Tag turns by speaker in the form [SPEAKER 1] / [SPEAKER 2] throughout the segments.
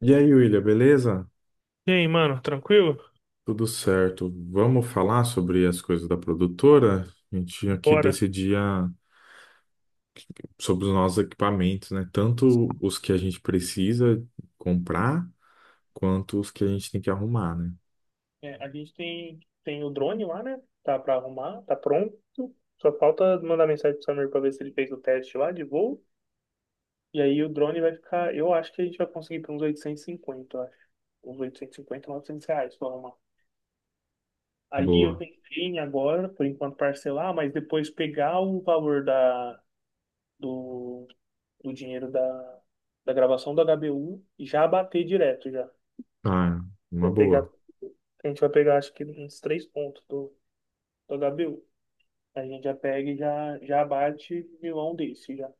[SPEAKER 1] E aí, William, beleza?
[SPEAKER 2] E aí, mano, tranquilo?
[SPEAKER 1] Tudo certo. Vamos falar sobre as coisas da produtora? A gente tinha que
[SPEAKER 2] Bora.
[SPEAKER 1] decidir a- sobre os nossos equipamentos, né? Tanto os que a gente precisa comprar, quanto os que a gente tem que arrumar, né?
[SPEAKER 2] É, a gente tem o drone lá, né? Tá pra arrumar, tá pronto. Só falta mandar mensagem pro Samir pra ver se ele fez o teste lá de voo. E aí o drone vai ficar. Eu acho que a gente vai conseguir por uns 850, eu acho. Uns 850 900 reais pra arrumar. Aí eu
[SPEAKER 1] Boa.
[SPEAKER 2] pensei em agora, por enquanto, parcelar, mas depois pegar o valor do, do dinheiro da gravação do HBU e já bater direto já.
[SPEAKER 1] Ah, uma
[SPEAKER 2] Vai pegar,
[SPEAKER 1] boa.
[SPEAKER 2] a gente vai pegar acho que uns três pontos Ô, Gabriel, a gente já pega e já bate milão desse já.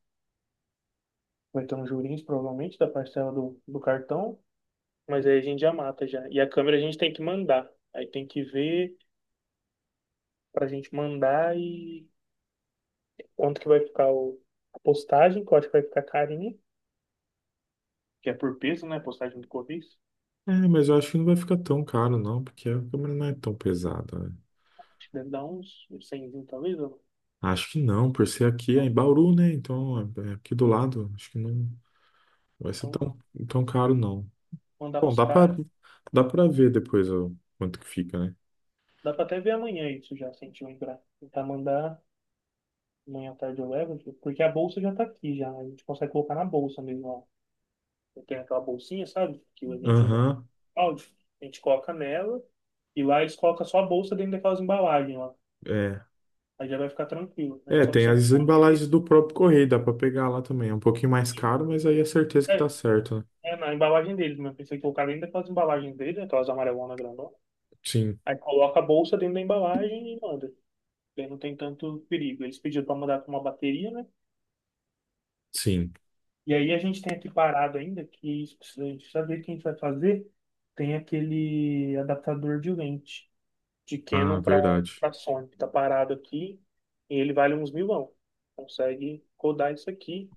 [SPEAKER 2] Vai ter um juros, provavelmente, da parcela do cartão, mas aí a gente já mata já. E a câmera a gente tem que mandar. Aí tem que ver pra gente mandar e quanto que vai ficar a postagem, que eu acho que vai ficar carinha, que é por peso, né? Postagem do Correios.
[SPEAKER 1] É, mas eu acho que não vai ficar tão caro, não, porque a câmera não é tão pesada, né?
[SPEAKER 2] Acho que deve dar uns talvez, ou não.
[SPEAKER 1] Acho que não, por ser aqui é em Bauru, né? Então, é aqui do lado, acho que não vai ser
[SPEAKER 2] Então,
[SPEAKER 1] tão caro, não.
[SPEAKER 2] mandar
[SPEAKER 1] Bom,
[SPEAKER 2] pros caras.
[SPEAKER 1] dá pra ver depois o quanto que fica, né?
[SPEAKER 2] Dá pra até ver amanhã isso já, se a gente lembrar. Tentar mandar. Amanhã à tarde eu levo, tipo, porque a bolsa já tá aqui já. A gente consegue colocar na bolsa mesmo, ó. Eu tenho aquela bolsinha, sabe? Que a gente usa pro
[SPEAKER 1] Aham,
[SPEAKER 2] áudio. A gente coloca nela e lá eles colocam só a bolsa dentro daquelas embalagens lá.
[SPEAKER 1] é.
[SPEAKER 2] Aí já vai ficar tranquilo. A
[SPEAKER 1] É,
[SPEAKER 2] gente só
[SPEAKER 1] tem
[SPEAKER 2] precisa
[SPEAKER 1] as
[SPEAKER 2] colocar
[SPEAKER 1] embalagens
[SPEAKER 2] dentro.
[SPEAKER 1] do próprio correio, dá pra pegar lá também. É um pouquinho mais caro, mas aí é certeza que dá
[SPEAKER 2] É,
[SPEAKER 1] certo, né?
[SPEAKER 2] é na embalagem deles, mas pensei que colocar dentro daquelas embalagens deles, aquelas amarelonas grandonas.
[SPEAKER 1] Sim,
[SPEAKER 2] Aí coloca a bolsa dentro da embalagem e manda. Aí não tem tanto perigo. Eles pediram para mandar com uma bateria, né?
[SPEAKER 1] sim.
[SPEAKER 2] E aí a gente tem aqui parado ainda, que isso a gente precisa ver o que a gente vai fazer. Tem aquele adaptador de lente de
[SPEAKER 1] Ah,
[SPEAKER 2] Canon para
[SPEAKER 1] verdade.
[SPEAKER 2] para Sony, que tá parado aqui, e ele vale uns milão. Consegue codar isso aqui.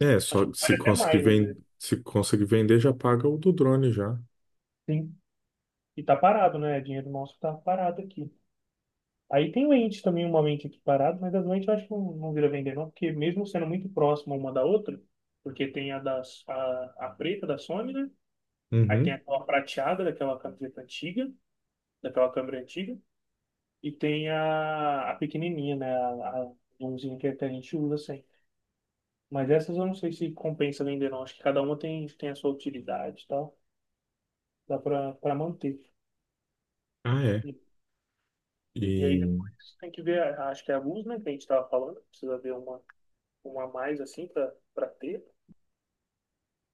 [SPEAKER 1] É,
[SPEAKER 2] Acho
[SPEAKER 1] só
[SPEAKER 2] que vale
[SPEAKER 1] se
[SPEAKER 2] até
[SPEAKER 1] conseguir
[SPEAKER 2] mais, às
[SPEAKER 1] vender,
[SPEAKER 2] vezes.
[SPEAKER 1] se conseguir vender, já paga o do drone já.
[SPEAKER 2] Sim. E tá parado, né? Dinheiro nosso tá parado aqui. Aí tem lente também, uma lente aqui parada, mas as lentes eu acho que não vira vender, não, porque mesmo sendo muito próxima uma da outra, porque tem a preta da Sony, né? Aí tem
[SPEAKER 1] Uhum.
[SPEAKER 2] aquela prateada daquela camiseta antiga, daquela câmera antiga, e tem a pequenininha, né? A zoomzinha que até a gente usa assim. Mas essas eu não sei se compensa vender, não. Acho que cada uma tem a sua utilidade e tal. Dá pra manter.
[SPEAKER 1] Ah, é.
[SPEAKER 2] E, e aí
[SPEAKER 1] E
[SPEAKER 2] depois tem que ver, acho que é a luz, né, que a gente tava falando. Precisa ver uma a mais assim pra, pra ter.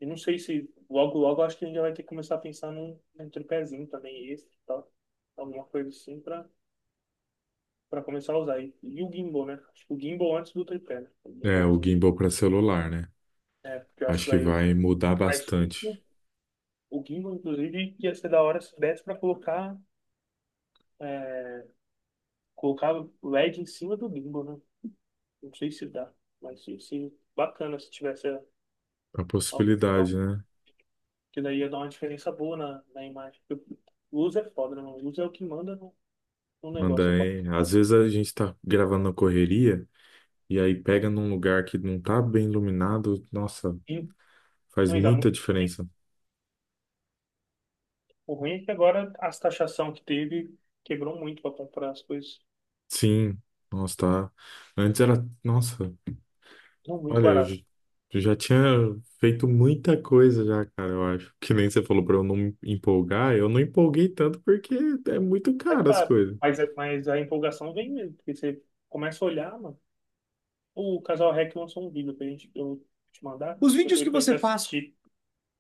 [SPEAKER 2] E não sei se logo, logo acho que a gente já vai ter que começar a pensar num, num tripézinho também extra e tal. Alguma coisa assim pra, pra começar a usar. E o gimbal, né? Acho que o gimbal antes do tripé, né? O
[SPEAKER 1] é o
[SPEAKER 2] gimbalzinho.
[SPEAKER 1] gimbal para celular, né?
[SPEAKER 2] É, porque eu acho que
[SPEAKER 1] Acho que
[SPEAKER 2] vai
[SPEAKER 1] vai mudar
[SPEAKER 2] mais curto.
[SPEAKER 1] bastante
[SPEAKER 2] O gimbal, inclusive, ia ser da hora se desse pra é, colocar o LED em cima do gimbal, né? Não sei se dá, mas sim, sim, bacana se tivesse
[SPEAKER 1] a
[SPEAKER 2] a
[SPEAKER 1] possibilidade, né?
[SPEAKER 2] Que daí ia dar uma diferença boa na imagem. Porque luz é foda, né, mano? Luz é o que manda no, no
[SPEAKER 1] Manda
[SPEAKER 2] negócio.
[SPEAKER 1] aí. Às vezes a gente tá gravando na correria, e aí pega num lugar que não tá bem iluminado, nossa,
[SPEAKER 2] E
[SPEAKER 1] faz
[SPEAKER 2] não ia dar
[SPEAKER 1] muita
[SPEAKER 2] muito bem.
[SPEAKER 1] diferença.
[SPEAKER 2] O ruim é que agora as taxação que teve quebrou muito pra comprar as coisas.
[SPEAKER 1] Sim, nossa, tá. Antes era, nossa,
[SPEAKER 2] Não, muito
[SPEAKER 1] olha,
[SPEAKER 2] barato.
[SPEAKER 1] eu já tinha feito muita coisa já, cara, eu acho. Que nem você falou pra eu não me empolgar, eu não empolguei tanto porque é muito
[SPEAKER 2] É
[SPEAKER 1] caro as
[SPEAKER 2] caro.
[SPEAKER 1] coisas.
[SPEAKER 2] Mas, mas a empolgação vem mesmo, porque você começa a olhar, mano. O Casal Rec lançou um vídeo pra gente, eu vou te mandar, os vídeos que depois pra gente você gente faz assistir,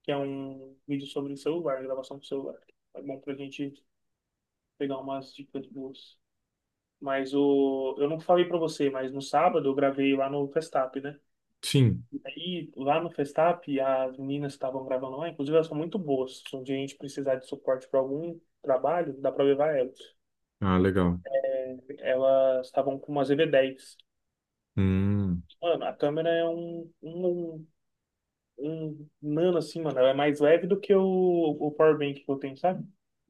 [SPEAKER 2] que é um vídeo sobre o celular, gravação do celular. É bom pra gente pegar umas dicas boas. Mas o, eu não falei pra você, mas no sábado eu gravei lá no Festap, né?
[SPEAKER 1] Sim.
[SPEAKER 2] Aí lá no Festap, as meninas que estavam gravando lá, inclusive elas são muito boas. Se um dia a gente precisar de suporte pra algum trabalho, dá pra levar elas.
[SPEAKER 1] Ah, legal.
[SPEAKER 2] Elas estavam com umas EV10.
[SPEAKER 1] Hum,
[SPEAKER 2] Mano, a câmera é um nano assim, mano. Ela é mais leve do que o power bank que eu tenho, sabe?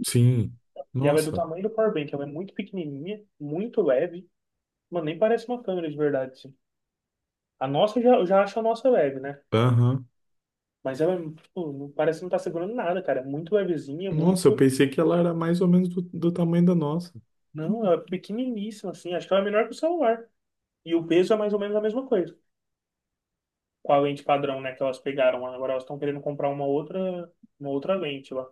[SPEAKER 1] sim.
[SPEAKER 2] E ela é do
[SPEAKER 1] Nossa.
[SPEAKER 2] tamanho do power bank. Ela é muito pequenininha, muito leve. Mano, nem parece uma câmera de verdade, assim. A nossa, eu já acho a nossa leve, né?
[SPEAKER 1] Aham.
[SPEAKER 2] Mas ela, é, tipo, não parece que não tá segurando nada, cara. É muito levezinha,
[SPEAKER 1] Nossa, eu
[SPEAKER 2] muito...
[SPEAKER 1] pensei que ela era mais ou menos do tamanho da nossa.
[SPEAKER 2] Não, ela é pequeniníssima, assim. Acho que ela é menor que o celular. E o peso é mais ou menos a mesma coisa. Com a lente padrão, né, que elas pegaram. Agora elas estão querendo comprar uma outra lente lá.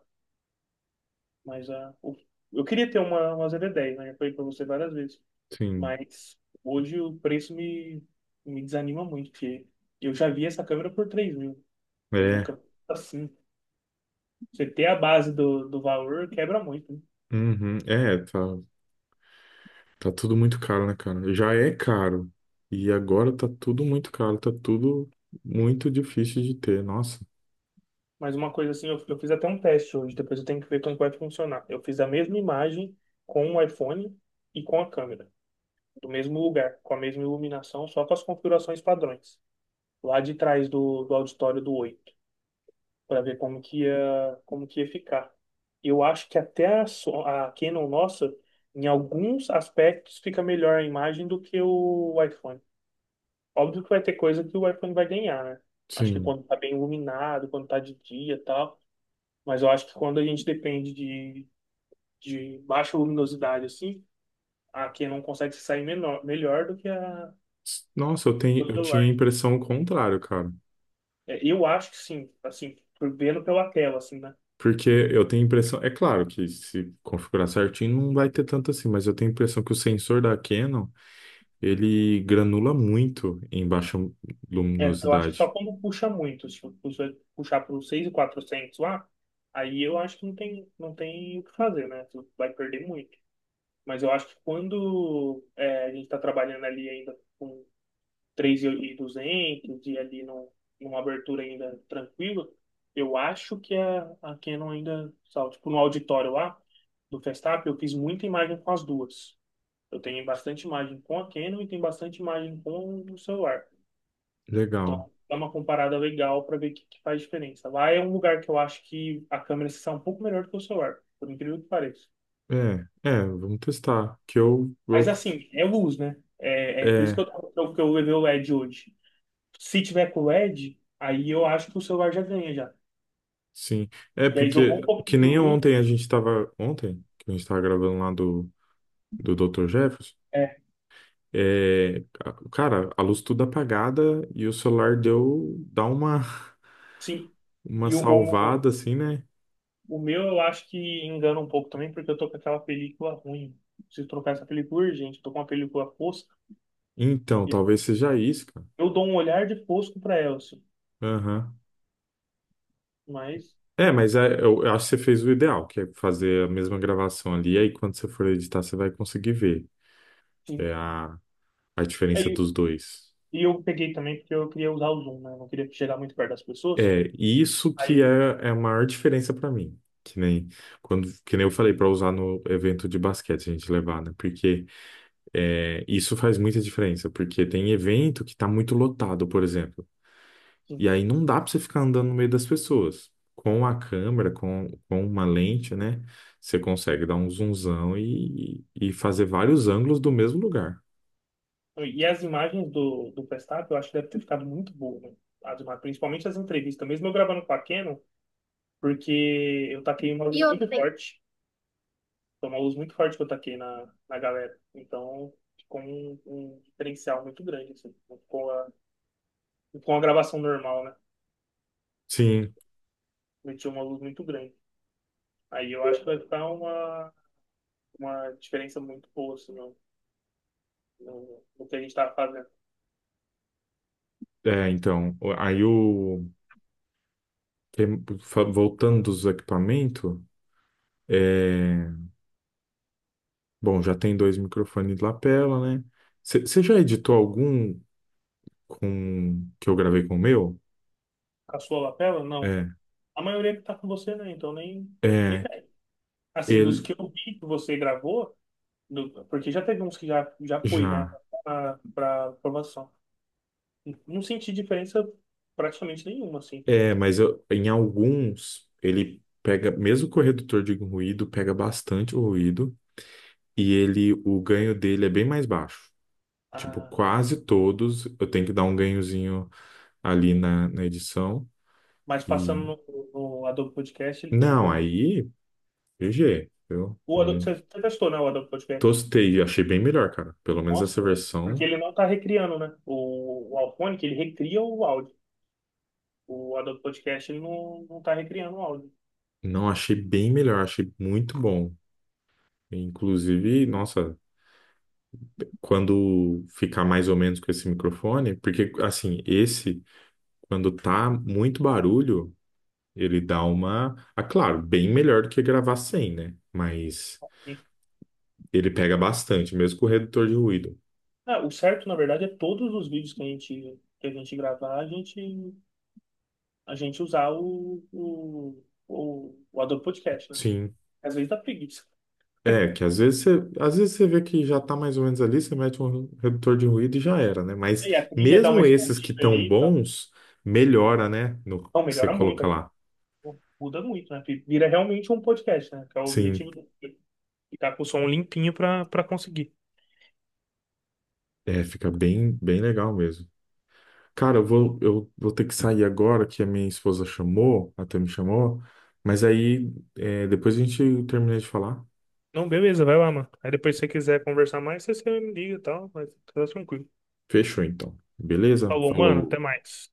[SPEAKER 2] Mas a, o- eu queria ter uma ZD10, né? Já falei pra você várias vezes.
[SPEAKER 1] Sim.
[SPEAKER 2] Mas hoje o preço me desanima muito, porque eu já vi essa câmera por 3 mil. Hoje a
[SPEAKER 1] É.
[SPEAKER 2] câmera tá assim. Você ter a base do valor quebra muito, né?
[SPEAKER 1] Uhum. É, tá. Tá tudo muito caro, né, cara? Já é caro. E agora tá tudo muito caro, tá tudo muito difícil de ter. Nossa,
[SPEAKER 2] Mas uma coisa assim, eu fiz até um teste hoje, depois eu tenho que ver como vai funcionar. Eu fiz a mesma imagem com o iPhone e com a câmera, do mesmo lugar, com a mesma iluminação, só com as configurações padrões, lá de trás do auditório do Oi, para ver como que ia ficar. Eu acho que até a Canon nossa, em alguns aspectos, fica melhor a imagem do que o iPhone. Óbvio que vai ter coisa que o iPhone vai ganhar, né? Acho que
[SPEAKER 1] sim.
[SPEAKER 2] quando tá bem iluminado, quando tá de dia e tal, mas eu acho que quando a gente depende de baixa luminosidade assim, a Canon consegue se sair menor, melhor do que a
[SPEAKER 1] Nossa,
[SPEAKER 2] do
[SPEAKER 1] eu tinha
[SPEAKER 2] celular,
[SPEAKER 1] a
[SPEAKER 2] né?
[SPEAKER 1] impressão contrária, cara.
[SPEAKER 2] É, eu acho que sim, assim, vendo pela tela, assim, né?
[SPEAKER 1] Porque eu tenho a impressão, é claro que se configurar certinho não vai ter tanto assim, mas eu tenho a impressão que o sensor da Canon, ele granula muito em baixa
[SPEAKER 2] É, eu acho que só
[SPEAKER 1] luminosidade.
[SPEAKER 2] quando puxa muito, se puxar para os 6.400 lá, aí eu acho que não tem, não tem o que fazer, né? Tu vai perder muito. Mas eu acho que quando é, a gente está trabalhando ali ainda com 3.200 e 200 e ali num, numa abertura ainda tranquila, eu acho que a Canon ainda, sabe, tipo no auditório lá do Festap, eu fiz muita imagem com as duas. Eu tenho bastante imagem com a Canon e tenho bastante imagem com o celular.
[SPEAKER 1] Legal.
[SPEAKER 2] Então, é uma comparada legal para ver o que, que faz diferença. Lá é um lugar que eu acho que a câmera está um pouco melhor do que o celular, por incrível que pareça.
[SPEAKER 1] É, é, vamos testar. Que
[SPEAKER 2] Mas
[SPEAKER 1] eu-
[SPEAKER 2] assim, é luz, né? É por isso que
[SPEAKER 1] é,
[SPEAKER 2] eu levei o LED hoje. Se tiver com LED, aí eu acho que o celular já ganha já.
[SPEAKER 1] Sim, é
[SPEAKER 2] E aí
[SPEAKER 1] porque
[SPEAKER 2] jogou um
[SPEAKER 1] que
[SPEAKER 2] pouquinho de
[SPEAKER 1] nem
[SPEAKER 2] luz.
[SPEAKER 1] ontem a gente estava gravando lá do doutor Jefferson,
[SPEAKER 2] É,
[SPEAKER 1] é, a- cara, a luz tudo apagada e o celular deu dá
[SPEAKER 2] sim.
[SPEAKER 1] uma
[SPEAKER 2] E o, o, o,
[SPEAKER 1] salvada assim, né?
[SPEAKER 2] o meu eu acho que engana um pouco também, porque eu tô com aquela película ruim. Preciso trocar essa película urgente. Tô com uma película fosca.
[SPEAKER 1] Então,
[SPEAKER 2] E
[SPEAKER 1] talvez seja isso, cara.
[SPEAKER 2] eu dou um olhar de fosco para ela, assim.
[SPEAKER 1] Aham.
[SPEAKER 2] Mas,
[SPEAKER 1] É, mas é, eu acho que você fez o ideal, que é fazer a mesma gravação ali, e aí quando você for editar, você vai conseguir ver
[SPEAKER 2] sim.
[SPEAKER 1] é, a, a diferença
[SPEAKER 2] É,
[SPEAKER 1] dos dois.
[SPEAKER 2] e eu peguei também porque eu queria usar o zoom, né? Eu não queria chegar muito perto das pessoas.
[SPEAKER 1] É, e isso que é,
[SPEAKER 2] Aí,
[SPEAKER 1] é a maior diferença para mim. Que nem, que nem eu falei para usar no evento de basquete, a gente levar, né? Porque é, isso faz muita diferença. Porque tem evento que tá muito lotado, por exemplo. E
[SPEAKER 2] sim.
[SPEAKER 1] aí não dá para você ficar andando no meio das pessoas. Com a câmera, com uma lente, né? Você consegue dar um zoomzão e fazer vários ângulos do mesmo lugar.
[SPEAKER 2] E as imagens do Verstappen, eu acho que deve ter ficado muito boa, né? As imagens, principalmente as entrevistas. Mesmo eu gravando com a Canon, porque eu taquei uma E luz outra, muito outra, tem, forte. Foi uma luz muito forte que eu taquei na galera. Então, ficou um diferencial muito grande, assim. Não ficou uma gravação normal, né?
[SPEAKER 1] Sim,
[SPEAKER 2] Meti uma luz muito grande. Aí eu acho que vai ficar uma diferença muito boa, assim, no, no que a gente tá fazendo.
[SPEAKER 1] é, então. Aí o. que- fa- Voltando dos equipamentos. É, bom, já tem dois microfones de lapela, né? Você já editou algum com que eu gravei com o meu?
[SPEAKER 2] Com a sua lapela? Não.
[SPEAKER 1] É,
[SPEAKER 2] A maioria que tá com você, né? Então nem, nem
[SPEAKER 1] é,
[SPEAKER 2] pega. Assim, dos
[SPEAKER 1] ele
[SPEAKER 2] que eu vi que você gravou, porque já teve uns que já, já fui, né?
[SPEAKER 1] já.
[SPEAKER 2] Pra, pra aprovação. Não senti diferença praticamente nenhuma, assim.
[SPEAKER 1] É, mas eu- em alguns ele pega, mesmo com o redutor de ruído, pega bastante o ruído e ele, o ganho dele é bem mais baixo. Tipo,
[SPEAKER 2] Ah,
[SPEAKER 1] quase todos eu tenho que dar um ganhozinho ali na edição
[SPEAKER 2] mas passando
[SPEAKER 1] e
[SPEAKER 2] no Adobe Podcast, ele foi de
[SPEAKER 1] não,
[SPEAKER 2] boa.
[SPEAKER 1] aí G, eu
[SPEAKER 2] O Adobe, você
[SPEAKER 1] não
[SPEAKER 2] você testou, né? O Adobe Podcast.
[SPEAKER 1] tostei, achei bem melhor, cara. Pelo menos
[SPEAKER 2] Nossa,
[SPEAKER 1] essa
[SPEAKER 2] porque
[SPEAKER 1] versão.
[SPEAKER 2] ele não tá recriando, né? O Alphonic, ele recria o áudio. O Adobe Podcast, ele não tá recriando o áudio.
[SPEAKER 1] Não, achei bem melhor, achei muito bom. Inclusive, nossa, quando ficar mais ou menos com esse microfone, porque assim, esse, quando tá muito barulho, ele dá uma. Ah, claro, bem melhor do que gravar sem, né? Mas ele pega bastante, mesmo com o redutor de ruído.
[SPEAKER 2] É, o certo, na verdade, é todos os vídeos que que a gente gravar, a gente usar o Adobe Podcast, né?
[SPEAKER 1] Sim.
[SPEAKER 2] Às vezes dá preguiça.
[SPEAKER 1] É, que às vezes você vê que já tá mais ou menos ali, você mete um redutor de ruído e já era, né? Mas
[SPEAKER 2] E a trilha dá uma
[SPEAKER 1] mesmo esses que
[SPEAKER 2] escondida
[SPEAKER 1] tão
[SPEAKER 2] ali e tal.
[SPEAKER 1] bons, melhora, né? No
[SPEAKER 2] Então,
[SPEAKER 1] que você
[SPEAKER 2] melhora muito,
[SPEAKER 1] coloca
[SPEAKER 2] é,
[SPEAKER 1] lá.
[SPEAKER 2] muda muito, né? Porque vira realmente um podcast, né? Que é o
[SPEAKER 1] Sim.
[SPEAKER 2] objetivo do... Ficar com o som limpinho pra, pra conseguir.
[SPEAKER 1] É, fica bem, bem legal mesmo. Cara, eu vou ter que sair agora, que a minha esposa chamou, até me chamou, mas aí é, depois a gente termina de falar.
[SPEAKER 2] Não, beleza, vai lá, mano. Aí depois se você quiser conversar mais, você me liga e tal, mas tá tranquilo.
[SPEAKER 1] Fechou então. Beleza?
[SPEAKER 2] Falou, mano, até
[SPEAKER 1] Falou.
[SPEAKER 2] mais.